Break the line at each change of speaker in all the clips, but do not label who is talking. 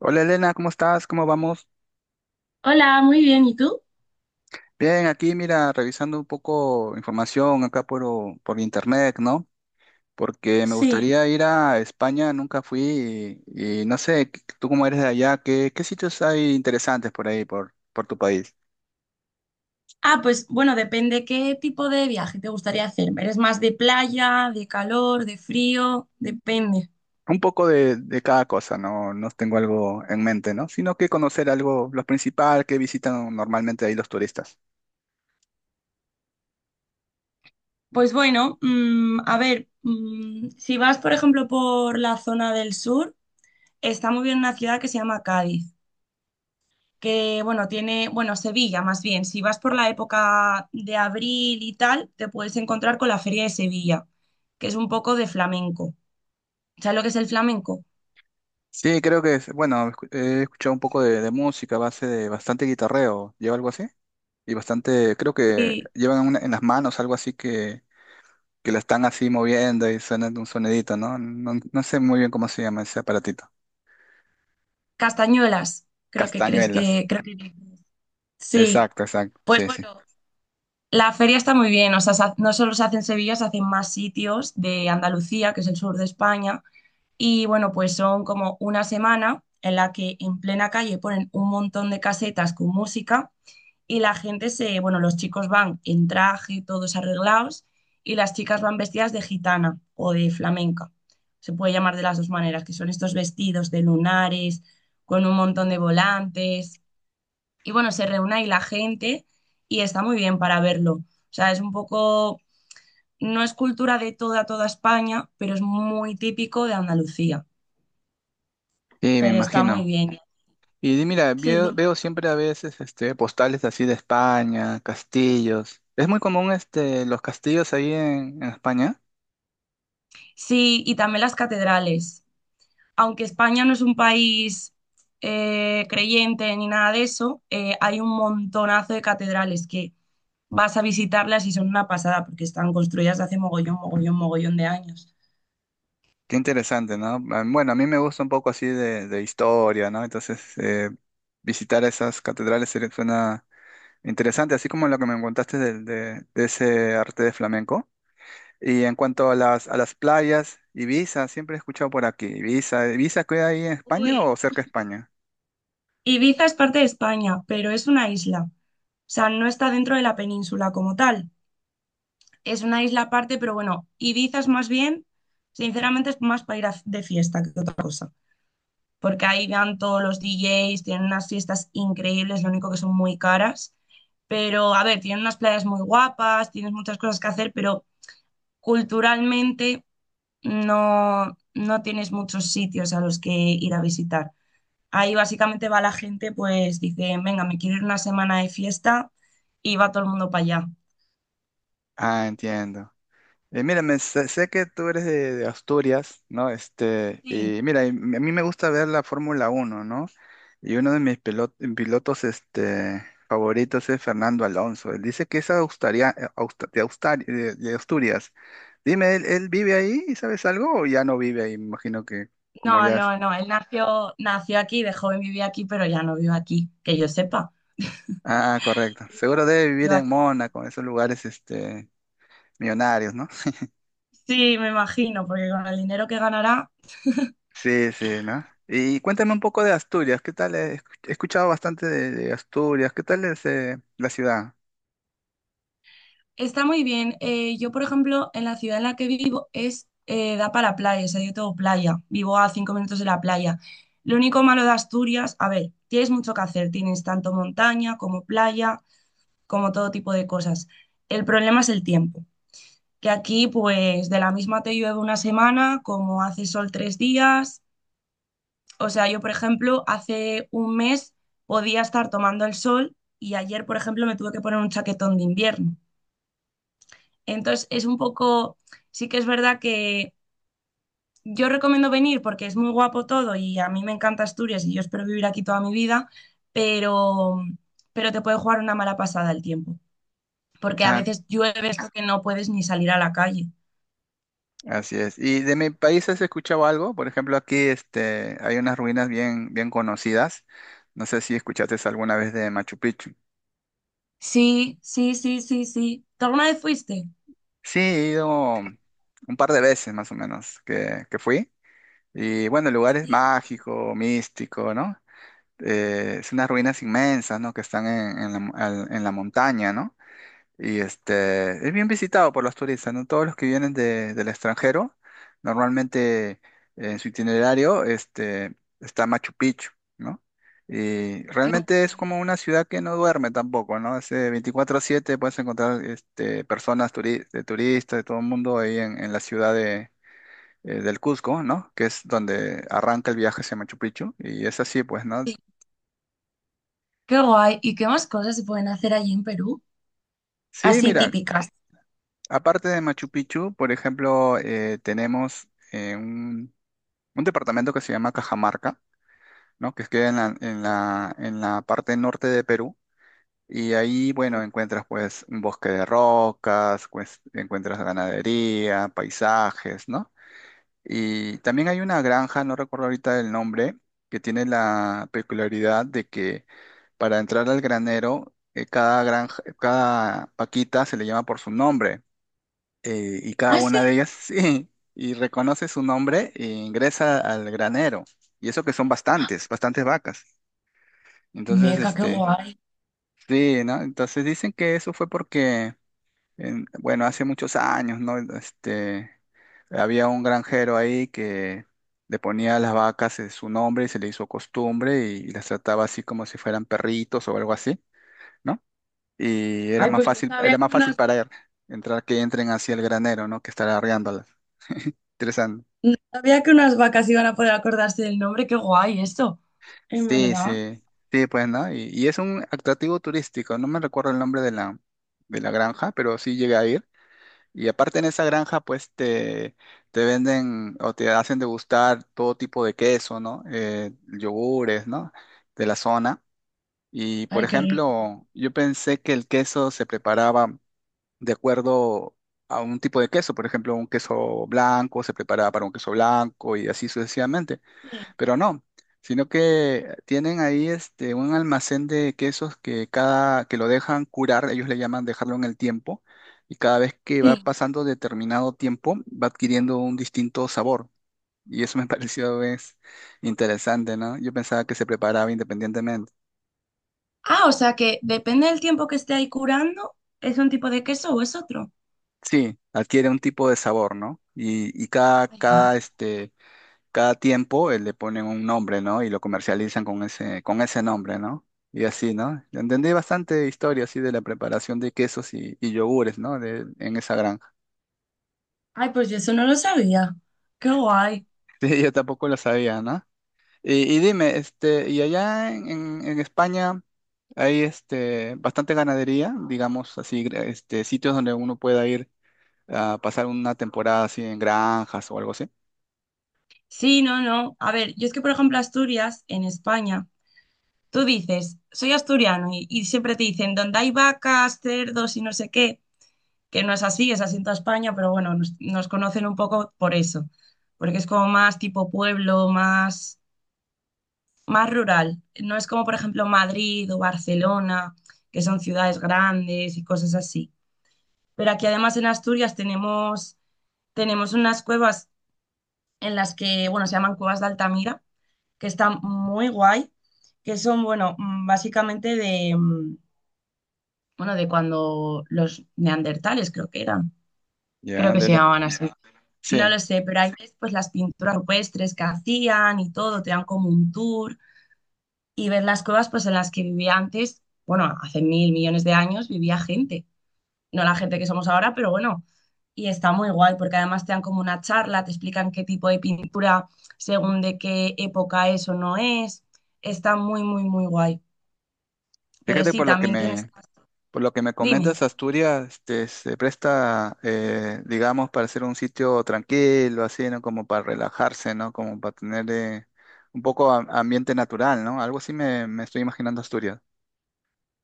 Hola Elena, ¿cómo estás? ¿Cómo vamos?
Hola, muy bien. ¿Y tú?
Bien, aquí mira, revisando un poco información acá por internet, ¿no? Porque me
Sí.
gustaría ir a España, nunca fui y no sé, tú como eres de allá, ¿qué sitios hay interesantes por ahí, por tu país?
Ah, pues bueno, depende qué tipo de viaje te gustaría hacer. ¿Eres más de playa, de calor, de frío? Depende.
Un poco de cada cosa, ¿no? No tengo algo en mente, ¿no? Sino que conocer algo, lo principal que visitan normalmente ahí los turistas.
Pues bueno, a ver, si vas, por ejemplo, por la zona del sur, está muy bien una ciudad que se llama Cádiz, que bueno, tiene, bueno, Sevilla más bien. Si vas por la época de abril y tal, te puedes encontrar con la Feria de Sevilla, que es un poco de flamenco. ¿Sabes lo que es el flamenco?
Sí, creo que es, bueno, he escuchado un poco de música a base de bastante guitarreo, ¿lleva algo así? Y bastante, creo que
Sí.
llevan en las manos algo así que la están así moviendo y suena un sonidito, ¿no? No sé muy bien cómo se llama ese aparatito.
Castañuelas, creo que crees
Castañuelas.
que, creo que sí.
Exacto, exacto.
Pues
Sí, sí.
bueno, la feria está muy bien, o sea, no solo se hace en Sevilla, se hacen más sitios de Andalucía, que es el sur de España, y bueno, pues son como una semana en la que en plena calle ponen un montón de casetas con música y la gente se, bueno, los chicos van en traje, todos arreglados, y las chicas van vestidas de gitana o de flamenca. Se puede llamar de las dos maneras, que son estos vestidos de lunares, con un montón de volantes. Y bueno, se reúne ahí la gente y está muy bien para verlo. O sea, es un poco, no es cultura de toda, toda España, pero es muy típico de Andalucía.
Sí, me
Pero está muy
imagino.
bien.
Y mira,
Sí,
veo,
dime.
veo siempre a veces este, postales así de España, castillos. Es muy común este, los castillos ahí en España.
Sí, y también las catedrales, aunque España no es un país creyente ni nada de eso. Hay un montonazo de catedrales que vas a visitarlas y son una pasada porque están construidas hace mogollón, mogollón, mogollón de años.
Qué interesante, ¿no? Ah, bueno, a mí me gusta un poco así de historia, ¿no? Entonces, visitar esas catedrales suena interesante, así como lo que me contaste de ese arte de flamenco. Y en cuanto a las playas, Ibiza, siempre he escuchado por aquí. Ibiza, ¿Ibiza queda ahí en España
Uy,
o cerca de España?
Ibiza es parte de España, pero es una isla. O sea, no está dentro de la península como tal. Es una isla aparte, pero bueno, Ibiza es más bien, sinceramente, es más para de fiesta que otra cosa, porque ahí van todos los DJs, tienen unas fiestas increíbles, lo único que son muy caras. Pero, a ver, tienen unas playas muy guapas, tienes muchas cosas que hacer, pero culturalmente no tienes muchos sitios a los que ir a visitar. Ahí básicamente va la gente, pues dice, venga, me quiero ir una semana de fiesta y va todo el mundo para allá.
Ah, entiendo. Mira, sé que tú eres de Asturias, ¿no? Este,
Sí,
y mira, y a mí me gusta ver la Fórmula Uno, ¿no? Y uno de mis pilotos este, favoritos es Fernando Alonso. Él dice que es de Asturias. Dime, ¿él vive ahí? ¿Y sabes algo? ¿O ya no vive ahí? Me imagino que como
no,
ya es.
no, no, él nació aquí, de joven vivía aquí, pero ya no vive aquí, que yo sepa.
Ah, correcto. Seguro debe vivir
Vive
en
aquí.
Mónaco, en esos lugares este, millonarios, ¿no?
Sí, me imagino, porque con el dinero que ganará
Sí, sí, ¿no? Y cuéntame un poco de Asturias. ¿Qué tal? He escuchado bastante de Asturias. ¿Qué tal es la ciudad?
está muy bien. Yo, por ejemplo, en la ciudad en la que vivo es da para playa, o sea, yo tengo playa, vivo a 5 minutos de la playa. Lo único malo de Asturias, a ver, tienes mucho que hacer, tienes tanto montaña como playa, como todo tipo de cosas. El problema es el tiempo, que aquí, pues, de la misma te llueve una semana, como hace sol 3 días. O sea, yo, por ejemplo, hace un mes podía estar tomando el sol y ayer, por ejemplo, me tuve que poner un chaquetón de invierno. Entonces, es un poco, sí que es verdad que yo recomiendo venir porque es muy guapo todo y a mí me encanta Asturias y yo espero vivir aquí toda mi vida, pero, pero te puede jugar una mala pasada el tiempo, porque a veces llueve esto que no puedes ni salir a la calle.
Así es. ¿Y de mi país has escuchado algo? Por ejemplo, aquí este, hay unas ruinas bien, bien conocidas. No sé si escuchaste alguna vez de Machu Picchu.
Sí, sí, sí, sí, sí. ¿Tú alguna vez fuiste?
Sí, he ido un par de veces más o menos que fui. Y bueno, el lugar es
Sí,
mágico, místico, ¿no? Es unas ruinas inmensas, ¿no? Que están en la, en la montaña, ¿no? Y este, es bien visitado por los turistas, ¿no? Todos los que vienen del extranjero, normalmente en su itinerario este, está Machu Picchu, ¿no? Y
qué
realmente es
guay.
como una ciudad que no duerme tampoco, ¿no? Es 24/7, puedes encontrar este, personas turi- de turistas, de todo el mundo ahí en la ciudad de, del Cusco, ¿no? Que es donde arranca el viaje hacia Machu Picchu. Y es así, pues, ¿no?
Qué guay. ¿Y qué más cosas se pueden hacer allí en Perú?
Sí,
Así
mira,
típicas.
aparte de Machu Picchu, por ejemplo, tenemos... eh, un departamento que se llama Cajamarca, ¿no? Que queda en la, en la, en la parte norte de Perú. Y ahí, bueno, encuentras pues un bosque de rocas, pues, encuentras ganadería, paisajes, ¿no? Y también hay una granja, no recuerdo ahorita el nombre, que tiene la peculiaridad de que para entrar al granero, cada paquita se le llama por su nombre y cada
Ah,
una de
sí.
ellas sí, y reconoce su nombre e ingresa al granero. Y eso que son bastantes, bastantes vacas. Entonces,
Meca, qué
este,
guay.
sí, ¿no? Entonces dicen que eso fue porque bueno, hace muchos años, ¿no? Este, había un granjero ahí que le ponía a las vacas su nombre y se le hizo costumbre y las trataba así como si fueran perritos o algo así, ¿no? Y
Ay, pues no sabía
era
que
más fácil
unas,
para él entrar que entren hacia el granero, ¿no? Que estar arreándolas. Interesante.
no sabía que unas vacas iban a poder acordarse del nombre. Qué guay eso. En
Sí,
verdad.
sí, sí, pues, ¿no? Y es un atractivo turístico, no me recuerdo el nombre de la granja, pero sí llegué a ir. Y aparte en esa granja, pues, te venden o te hacen degustar todo tipo de queso, ¿no? Yogures, ¿no? De la zona. Y, por
Ay, qué rico.
ejemplo, yo pensé que el queso se preparaba de acuerdo a un tipo de queso, por ejemplo, un queso blanco se preparaba para un queso blanco y así sucesivamente,
Sí.
pero no, sino que tienen ahí este, un almacén de quesos que cada que lo dejan curar, ellos le llaman dejarlo en el tiempo, y cada vez que va
Sí.
pasando determinado tiempo va adquiriendo un distinto sabor. Y eso me pareció es interesante, ¿no? Yo pensaba que se preparaba independientemente.
Ah, o sea que depende del tiempo que esté ahí curando, ¿es un tipo de queso o es otro?
Sí, adquiere un tipo de sabor, ¿no? Y cada,
Ay,
cada
madre.
este, cada tiempo le ponen un nombre, ¿no? Y lo comercializan con ese nombre, ¿no? Y así, ¿no? Entendí bastante historia así de la preparación de quesos y yogures, ¿no? De, en esa granja.
Ay, pues yo eso no lo sabía. Qué guay.
Sí, yo tampoco lo sabía, ¿no? Y dime, este, y allá en, en España hay este bastante ganadería, digamos así, este, sitios donde uno pueda ir a pasar una temporada así en granjas o algo así.
Sí, no, no. A ver, yo es que, por ejemplo, Asturias, en España, tú dices, soy asturiano y siempre te dicen, donde hay vacas, cerdos y no sé qué, que no es así, es así en toda España, pero bueno, nos conocen un poco por eso, porque es como más tipo pueblo, más, más rural. No es como, por ejemplo, Madrid o Barcelona, que son ciudades grandes y cosas así. Pero aquí además en Asturias tenemos unas cuevas en las que, bueno, se llaman cuevas de Altamira, que están muy guay, que son, bueno, básicamente de, bueno, de cuando los neandertales creo que eran, creo
Ya,
que se llamaban así. No
sí.
lo sé, pero ahí ves pues las pinturas rupestres que hacían y todo, te dan como un tour y ver las cuevas pues en las que vivía antes, bueno, hace mil millones de años vivía gente, no la gente que somos ahora, pero bueno, y está muy guay porque además te dan como una charla, te explican qué tipo de pintura según de qué época eso no es, está muy, muy, muy guay. Pero
Fíjate
sí,
por lo que
también tienes...
me, Por lo que me
Dime.
comentas, Asturias este, se presta, digamos, para ser un sitio tranquilo, así, ¿no? Como para relajarse, ¿no? Como para tener ambiente natural, ¿no? Algo así me, me estoy imaginando Asturias.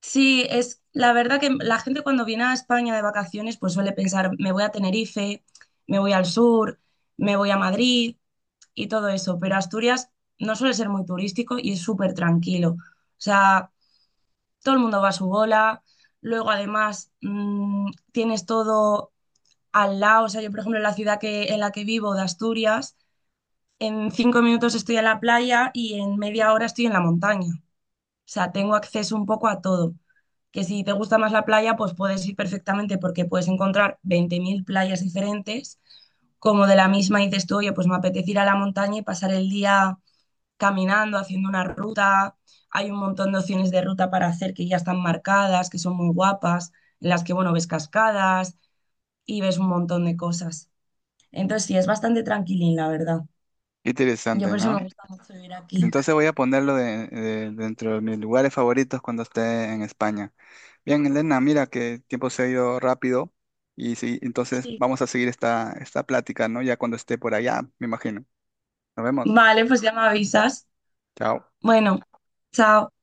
Sí, es la verdad que la gente cuando viene a España de vacaciones pues suele pensar, me voy a Tenerife, me voy al sur, me voy a Madrid y todo eso, pero Asturias no suele ser muy turístico y es súper tranquilo. O sea, todo el mundo va a su bola, luego además tienes todo al lado, o sea, yo por ejemplo en la ciudad en la que vivo de Asturias, en 5 minutos estoy en la playa y en media hora estoy en la montaña. O sea, tengo acceso un poco a todo. Que si te gusta más la playa, pues puedes ir perfectamente porque puedes encontrar 20.000 playas diferentes. Como de la misma dices tú, oye, pues me apetece ir a la montaña y pasar el día caminando, haciendo una ruta. Hay un montón de opciones de ruta para hacer que ya están marcadas, que son muy guapas, en las que, bueno, ves cascadas y ves un montón de cosas. Entonces, sí, es bastante tranquilín, la verdad.
Qué
Yo
interesante,
por eso me
¿no?
gusta mucho vivir aquí.
Entonces voy a ponerlo dentro de mis lugares favoritos cuando esté en España. Bien, Elena, mira que el tiempo se ha ido rápido y sí, entonces
Sí.
vamos a seguir esta plática, ¿no? Ya cuando esté por allá, me imagino. Nos vemos.
Vale, pues ya me avisas.
Chao.
Bueno, chao.